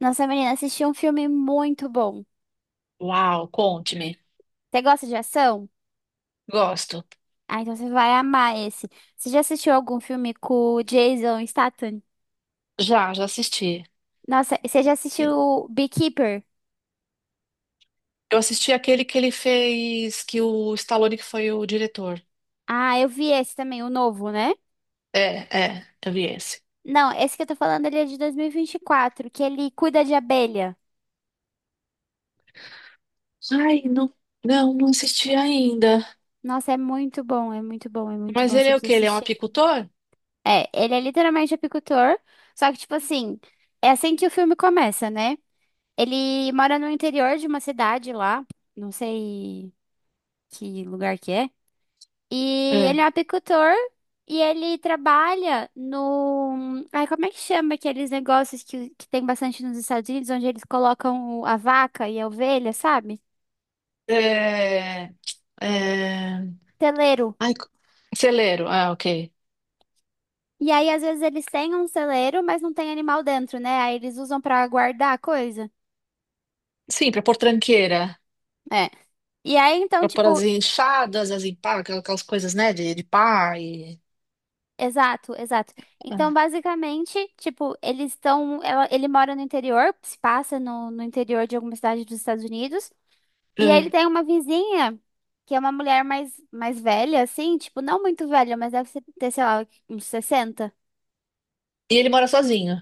Nossa, menina, assisti um filme muito bom. Uau, conte-me. Você gosta de ação? Gosto. Ah, então você vai amar esse. Você já assistiu algum filme com o Jason Statham? Já, já assisti. Nossa, você já assistiu o Beekeeper? Eu assisti aquele que ele fez, que o Stallone que foi o diretor. Ah, eu vi esse também, o novo, né? É, é, eu vi esse. Não, esse que eu tô falando, ele é de 2024, que ele cuida de abelha. Ai, não, não, não assisti ainda. Nossa, é muito bom, é muito bom, é muito Mas bom, ele você é o precisa quê? Ele é um assistir. apicultor? É, ele é literalmente apicultor, só que, tipo assim, é assim que o filme começa, né? Ele mora no interior de uma cidade lá, não sei que lugar que é. E É. ele é um apicultor e ele trabalha no. Ai, como é que chama aqueles negócios que tem bastante nos Estados Unidos, onde eles colocam a vaca e a ovelha, sabe? É, é. Celeiro. Ai, celeiro. Ah, ok. E aí, às vezes, eles têm um celeiro, mas não tem animal dentro, né? Aí eles usam pra guardar a coisa. Sim, pra pôr tranqueira. É. E aí, então, Pra pôr as tipo. enxadas, as empadas, aquelas coisas, né, de pá. E. Exato, exato. Então, basicamente, tipo, eles estão. Ele mora no interior, se passa no interior de alguma cidade dos Estados Unidos. E aí É. ele tem uma vizinha, que é uma mulher mais velha, assim, tipo, não muito velha, mas deve ter, sei lá, uns 60. E ele mora sozinho.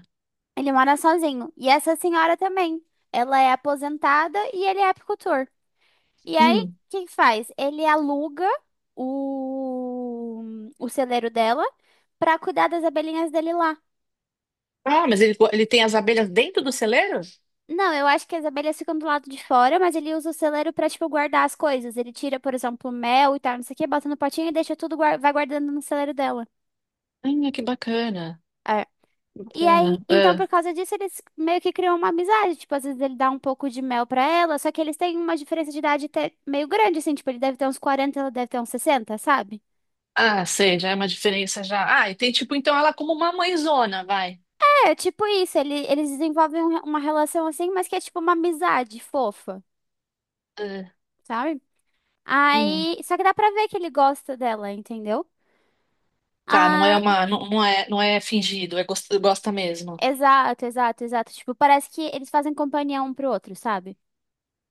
Ele mora sozinho. E essa senhora também. Ela é aposentada e ele é apicultor. E aí, o Hum. que que faz? Ele aluga o, o celeiro dela pra cuidar das abelhinhas dele lá. Ah, mas ele tem as abelhas dentro do celeiro? Não, eu acho que as abelhas ficam do lado de fora, mas ele usa o celeiro pra, tipo, guardar as coisas. Ele tira, por exemplo, mel e tal, não sei o que, bota no potinho e deixa tudo, vai guardando no celeiro dela. Ah, que bacana. E aí, Bacana. então, Ah. por causa disso, eles meio que criam uma amizade. Tipo, às vezes ele dá um pouco de mel pra ela, só que eles têm uma diferença de idade até meio grande, assim. Tipo, ele deve ter uns 40, ela deve ter uns 60, sabe? Ah, sei, já é uma diferença já. Ah, e tem tipo, então ela é como uma mãezona, vai. É, tipo isso. Eles desenvolvem uma relação assim, mas que é tipo uma amizade fofa, Ah, sabe? hum, Aí, só que dá pra ver que ele gosta dela, entendeu? tá, não é Ah, uma, não, não é fingido, é gosta, gosta mesmo. exato, exato, exato. Tipo, parece que eles fazem companhia um pro outro, sabe?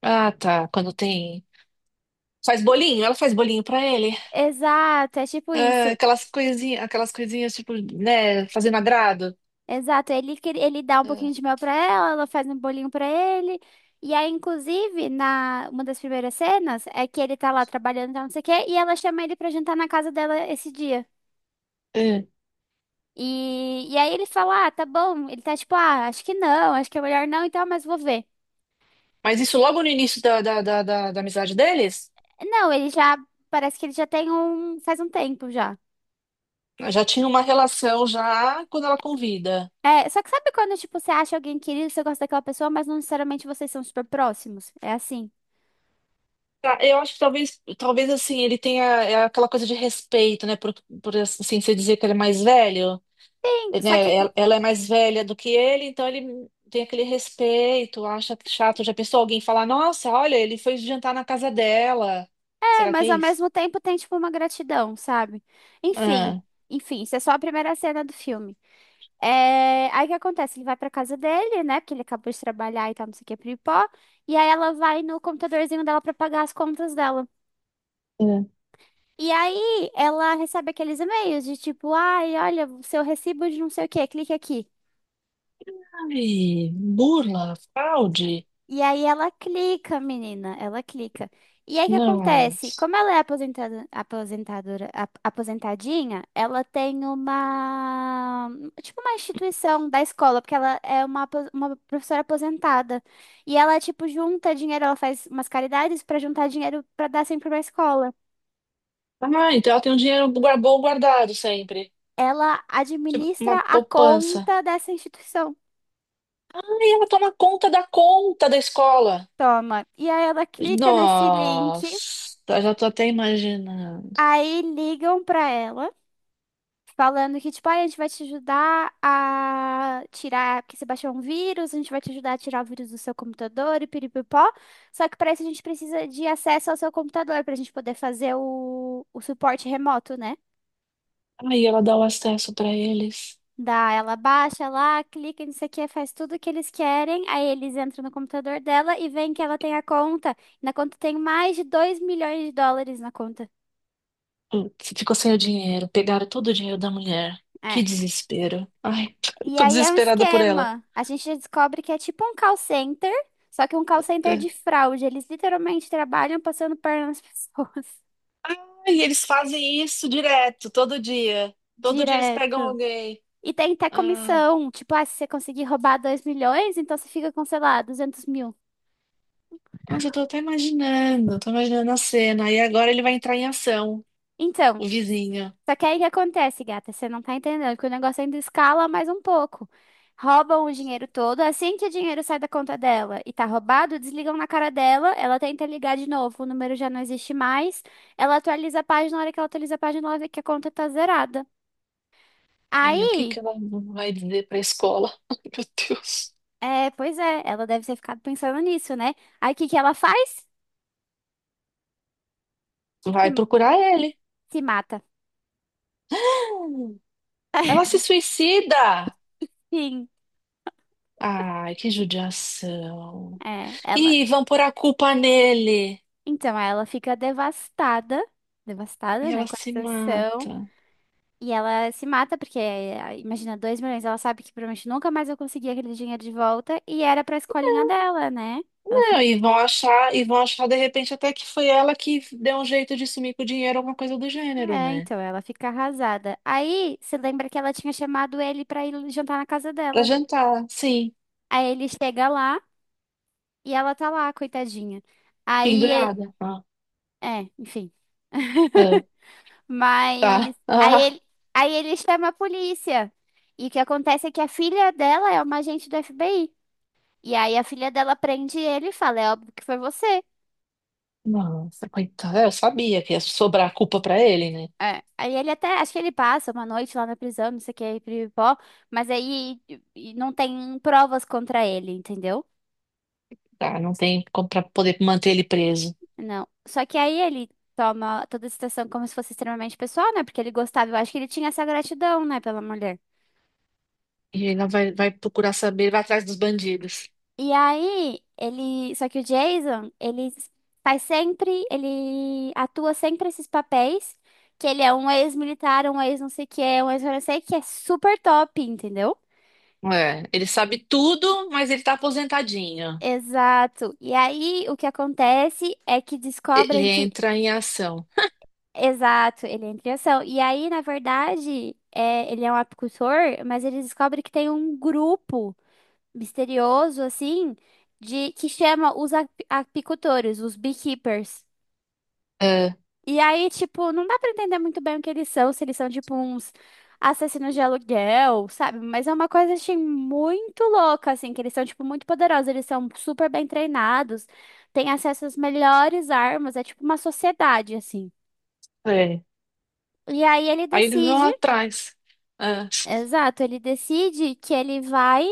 Ah, tá, quando tem. Faz bolinho, ela faz bolinho pra ele. Exato, é tipo Ah, isso. Aquelas coisinhas tipo, né, fazendo agrado. Exato, ele dá um pouquinho Ah, de mel pra ela, ela faz um bolinho pra ele. E aí, inclusive, na uma das primeiras cenas é que ele tá lá trabalhando, tá, não sei o quê, e ela chama ele pra jantar na casa dela esse dia. ah. E aí ele fala: "Ah, tá bom." Ele tá tipo: "Ah, acho que não, acho que é melhor não, então, mas vou ver." Mas isso logo no início da amizade deles? Não, parece que ele já faz um tempo já. Já tinha uma relação já quando ela convida. É, só que sabe quando, tipo, você acha alguém querido, você gosta daquela pessoa, mas não necessariamente vocês são super próximos? É assim. Tá, eu acho que talvez assim, ele tenha é, aquela coisa de respeito, né? Por assim, você dizer que ele é mais velho, Só né? que. Ela é mais velha do que ele, então ele tem aquele respeito, acha que chato. Já pensou alguém falar, nossa, olha, ele foi jantar na casa dela. É, Será que é mas ao isso? mesmo tempo tem, tipo, uma gratidão, sabe? Enfim, Ah, enfim, isso é só a primeira cena do filme. É, aí o que acontece? Ele vai pra casa dele, né? Porque ele acabou de trabalhar e tal, não sei o que, pipó. E aí ela vai no computadorzinho dela pra pagar as contas dela. é. E aí ela recebe aqueles e-mails de tipo, ai, olha, o seu recibo de não sei o que, clique aqui. Ai, burla, fraude. E aí ela clica, menina, ela clica. E aí o que Não. acontece? Como ela é aposentada, aposentadora, aposentadinha, ela tem tipo uma instituição da escola, porque ela é uma professora aposentada. E ela, tipo, junta dinheiro, ela faz umas caridades para juntar dinheiro para dar sempre pra escola. Ah, então ela tem um dinheiro bom guardado sempre. Ela Tipo, uma administra a poupança. conta dessa instituição. Aí ela toma conta da escola. Toma. E aí ela clica nesse link, Nossa, já tô até imaginando. aí ligam para ela. Falando que, tipo, "Ai, a gente vai te ajudar a tirar, porque você baixou um vírus, a gente vai te ajudar a tirar o vírus do seu computador e piripipó. Só que para isso a gente precisa de acesso ao seu computador para a gente poder fazer o suporte remoto, né?" Aí ela dá o acesso pra eles. Dá, ela baixa lá, clica nisso aqui, faz tudo o que eles querem, aí eles entram no computador dela e veem que ela tem a conta. Na conta tem mais de US$ 2 milhões na conta. Putz, ficou sem o dinheiro. Pegaram todo o dinheiro da mulher. É. Que desespero. Ai, E tô aí é um desesperada por ela. esquema. A gente descobre que é tipo um call center, só que um call center É. de fraude. Eles literalmente trabalham passando perna nas pessoas. Ai, eles fazem isso direto, todo dia. Todo dia eles pegam Direto. alguém. E tem até Ah, comissão. Tipo, ah, se você conseguir roubar 2 milhões, então você fica com, sei lá, 200 mil. nossa, eu tô até imaginando. Tô imaginando a cena. E agora ele vai entrar em ação, Então. o vizinho. Só que aí o que acontece, gata? Você não tá entendendo que o negócio ainda escala mais um pouco. Roubam o dinheiro todo, assim que o dinheiro sai da conta dela e tá roubado, desligam na cara dela, ela tenta ligar de novo, o número já não existe mais, ela atualiza a página, na hora que ela atualiza a página, ela vê que a conta tá zerada. Aí, o que Aí, que ela vai dizer pra escola? Ai, meu Deus. é, pois é, ela deve ter ficado pensando nisso, né? Aí o que que ela faz? Se, Vai procurar ele. se mata. Ela se suicida! Sim, Ai, que judiação. é, ela. E vão pôr a culpa nele. Então, ela fica devastada, devastada, E né, ela com a se situação. mata. E ela se mata, porque, imagina, 2 milhões, ela sabe que provavelmente nunca mais eu conseguir aquele dinheiro de volta, e era pra escolinha dela, né? Ela Não, fica, e vão achar de repente até que foi ela que deu um jeito de sumir com o dinheiro, alguma coisa do gênero, é, né? então, ela fica arrasada. Aí, você lembra que ela tinha chamado ele pra ir jantar na casa Pra dela. jantar, sim, Aí ele chega lá, e ela tá lá, coitadinha. Aí, pendurada. Ah, é, enfim. ah, Mas, tá. aí Ah, ele, aí ele chama a polícia. E o que acontece é que a filha dela é uma agente do FBI. E aí a filha dela prende ele e fala, é óbvio que foi você. nossa, coitada. Eu sabia que ia sobrar a culpa pra ele, né? É, aí ele até, acho que ele passa uma noite lá na prisão, não sei o que, aí pó, mas aí e não tem provas contra ele, entendeu? Tá, não tem como pra poder manter ele preso. Não. Só que aí ele toma toda a situação como se fosse extremamente pessoal, né? Porque ele gostava, eu acho que ele tinha essa gratidão, né, pela mulher. E ela vai procurar saber, vai atrás dos bandidos. E aí, só que o Jason, ele faz sempre, ele atua sempre esses papéis, que ele é um ex-militar, um ex não sei o que, um ex não sei o que, é super top, entendeu? É, ele sabe tudo, mas ele tá aposentadinho. Exato. E aí, o que acontece é que descobrem Ele que. entra em ação. Exato, ele entra em ação. E aí, na verdade, ele é um apicultor, mas ele descobre que tem um grupo misterioso, assim, de que chama os apicultores, os beekeepers. É, E aí, tipo, não dá pra entender muito bem o que eles são, se eles são, tipo, uns assassinos de aluguel, sabe? Mas é uma coisa, assim, muito louca, assim, que eles são, tipo, muito poderosos, eles são super bem treinados, têm acesso às melhores armas, é tipo uma sociedade, assim. é. E aí ele Aí eles vão decide, atrás. É. exato, ele decide que ele vai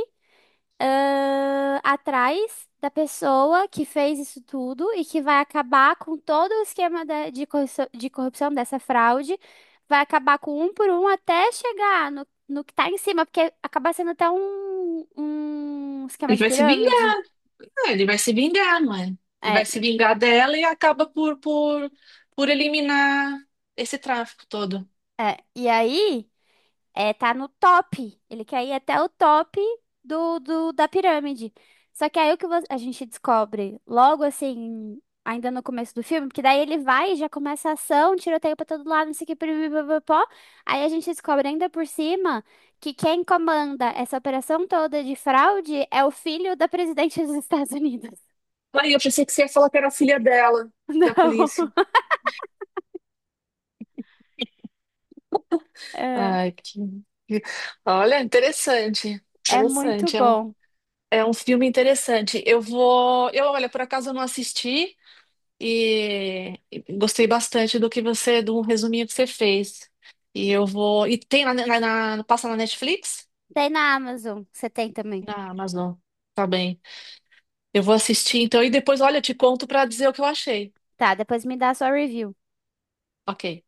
atrás da pessoa que fez isso tudo e que vai acabar com todo o esquema de corrupção dessa fraude, vai acabar com um por um até chegar no que tá em cima, porque acaba sendo até um Ele esquema de vai se vingar, pirâmide. né? Ele vai se vingar, mãe. Ele É, vai se vingar dela e acaba por, por eliminar esse tráfico todo. é. E aí. É, tá no top. Ele quer ir até o top da pirâmide. Só que aí a gente descobre logo assim, ainda no começo do filme, porque daí ele vai e já começa a ação, tiroteio pra todo lado, não sei o que, pipipipopopó. Aí a gente descobre ainda por cima que quem comanda essa operação toda de fraude é o filho da presidente dos Estados Unidos. Aí eu pensei que você ia falar que era a filha dela, da Não. polícia. É, Ai, que- Olha, interessante. é muito Interessante. É um, bom. é um filme interessante. Eu vou. Olha, por acaso eu não assisti. e gostei bastante do que você, do resuminho que você fez. E eu vou. E tem na, passa na Netflix? Tem na Amazon, você tem também. Na Amazon. Tá bem. Eu vou assistir então e depois, olha, eu te conto pra dizer o que eu achei. Tá, depois me dá a sua review. Ok.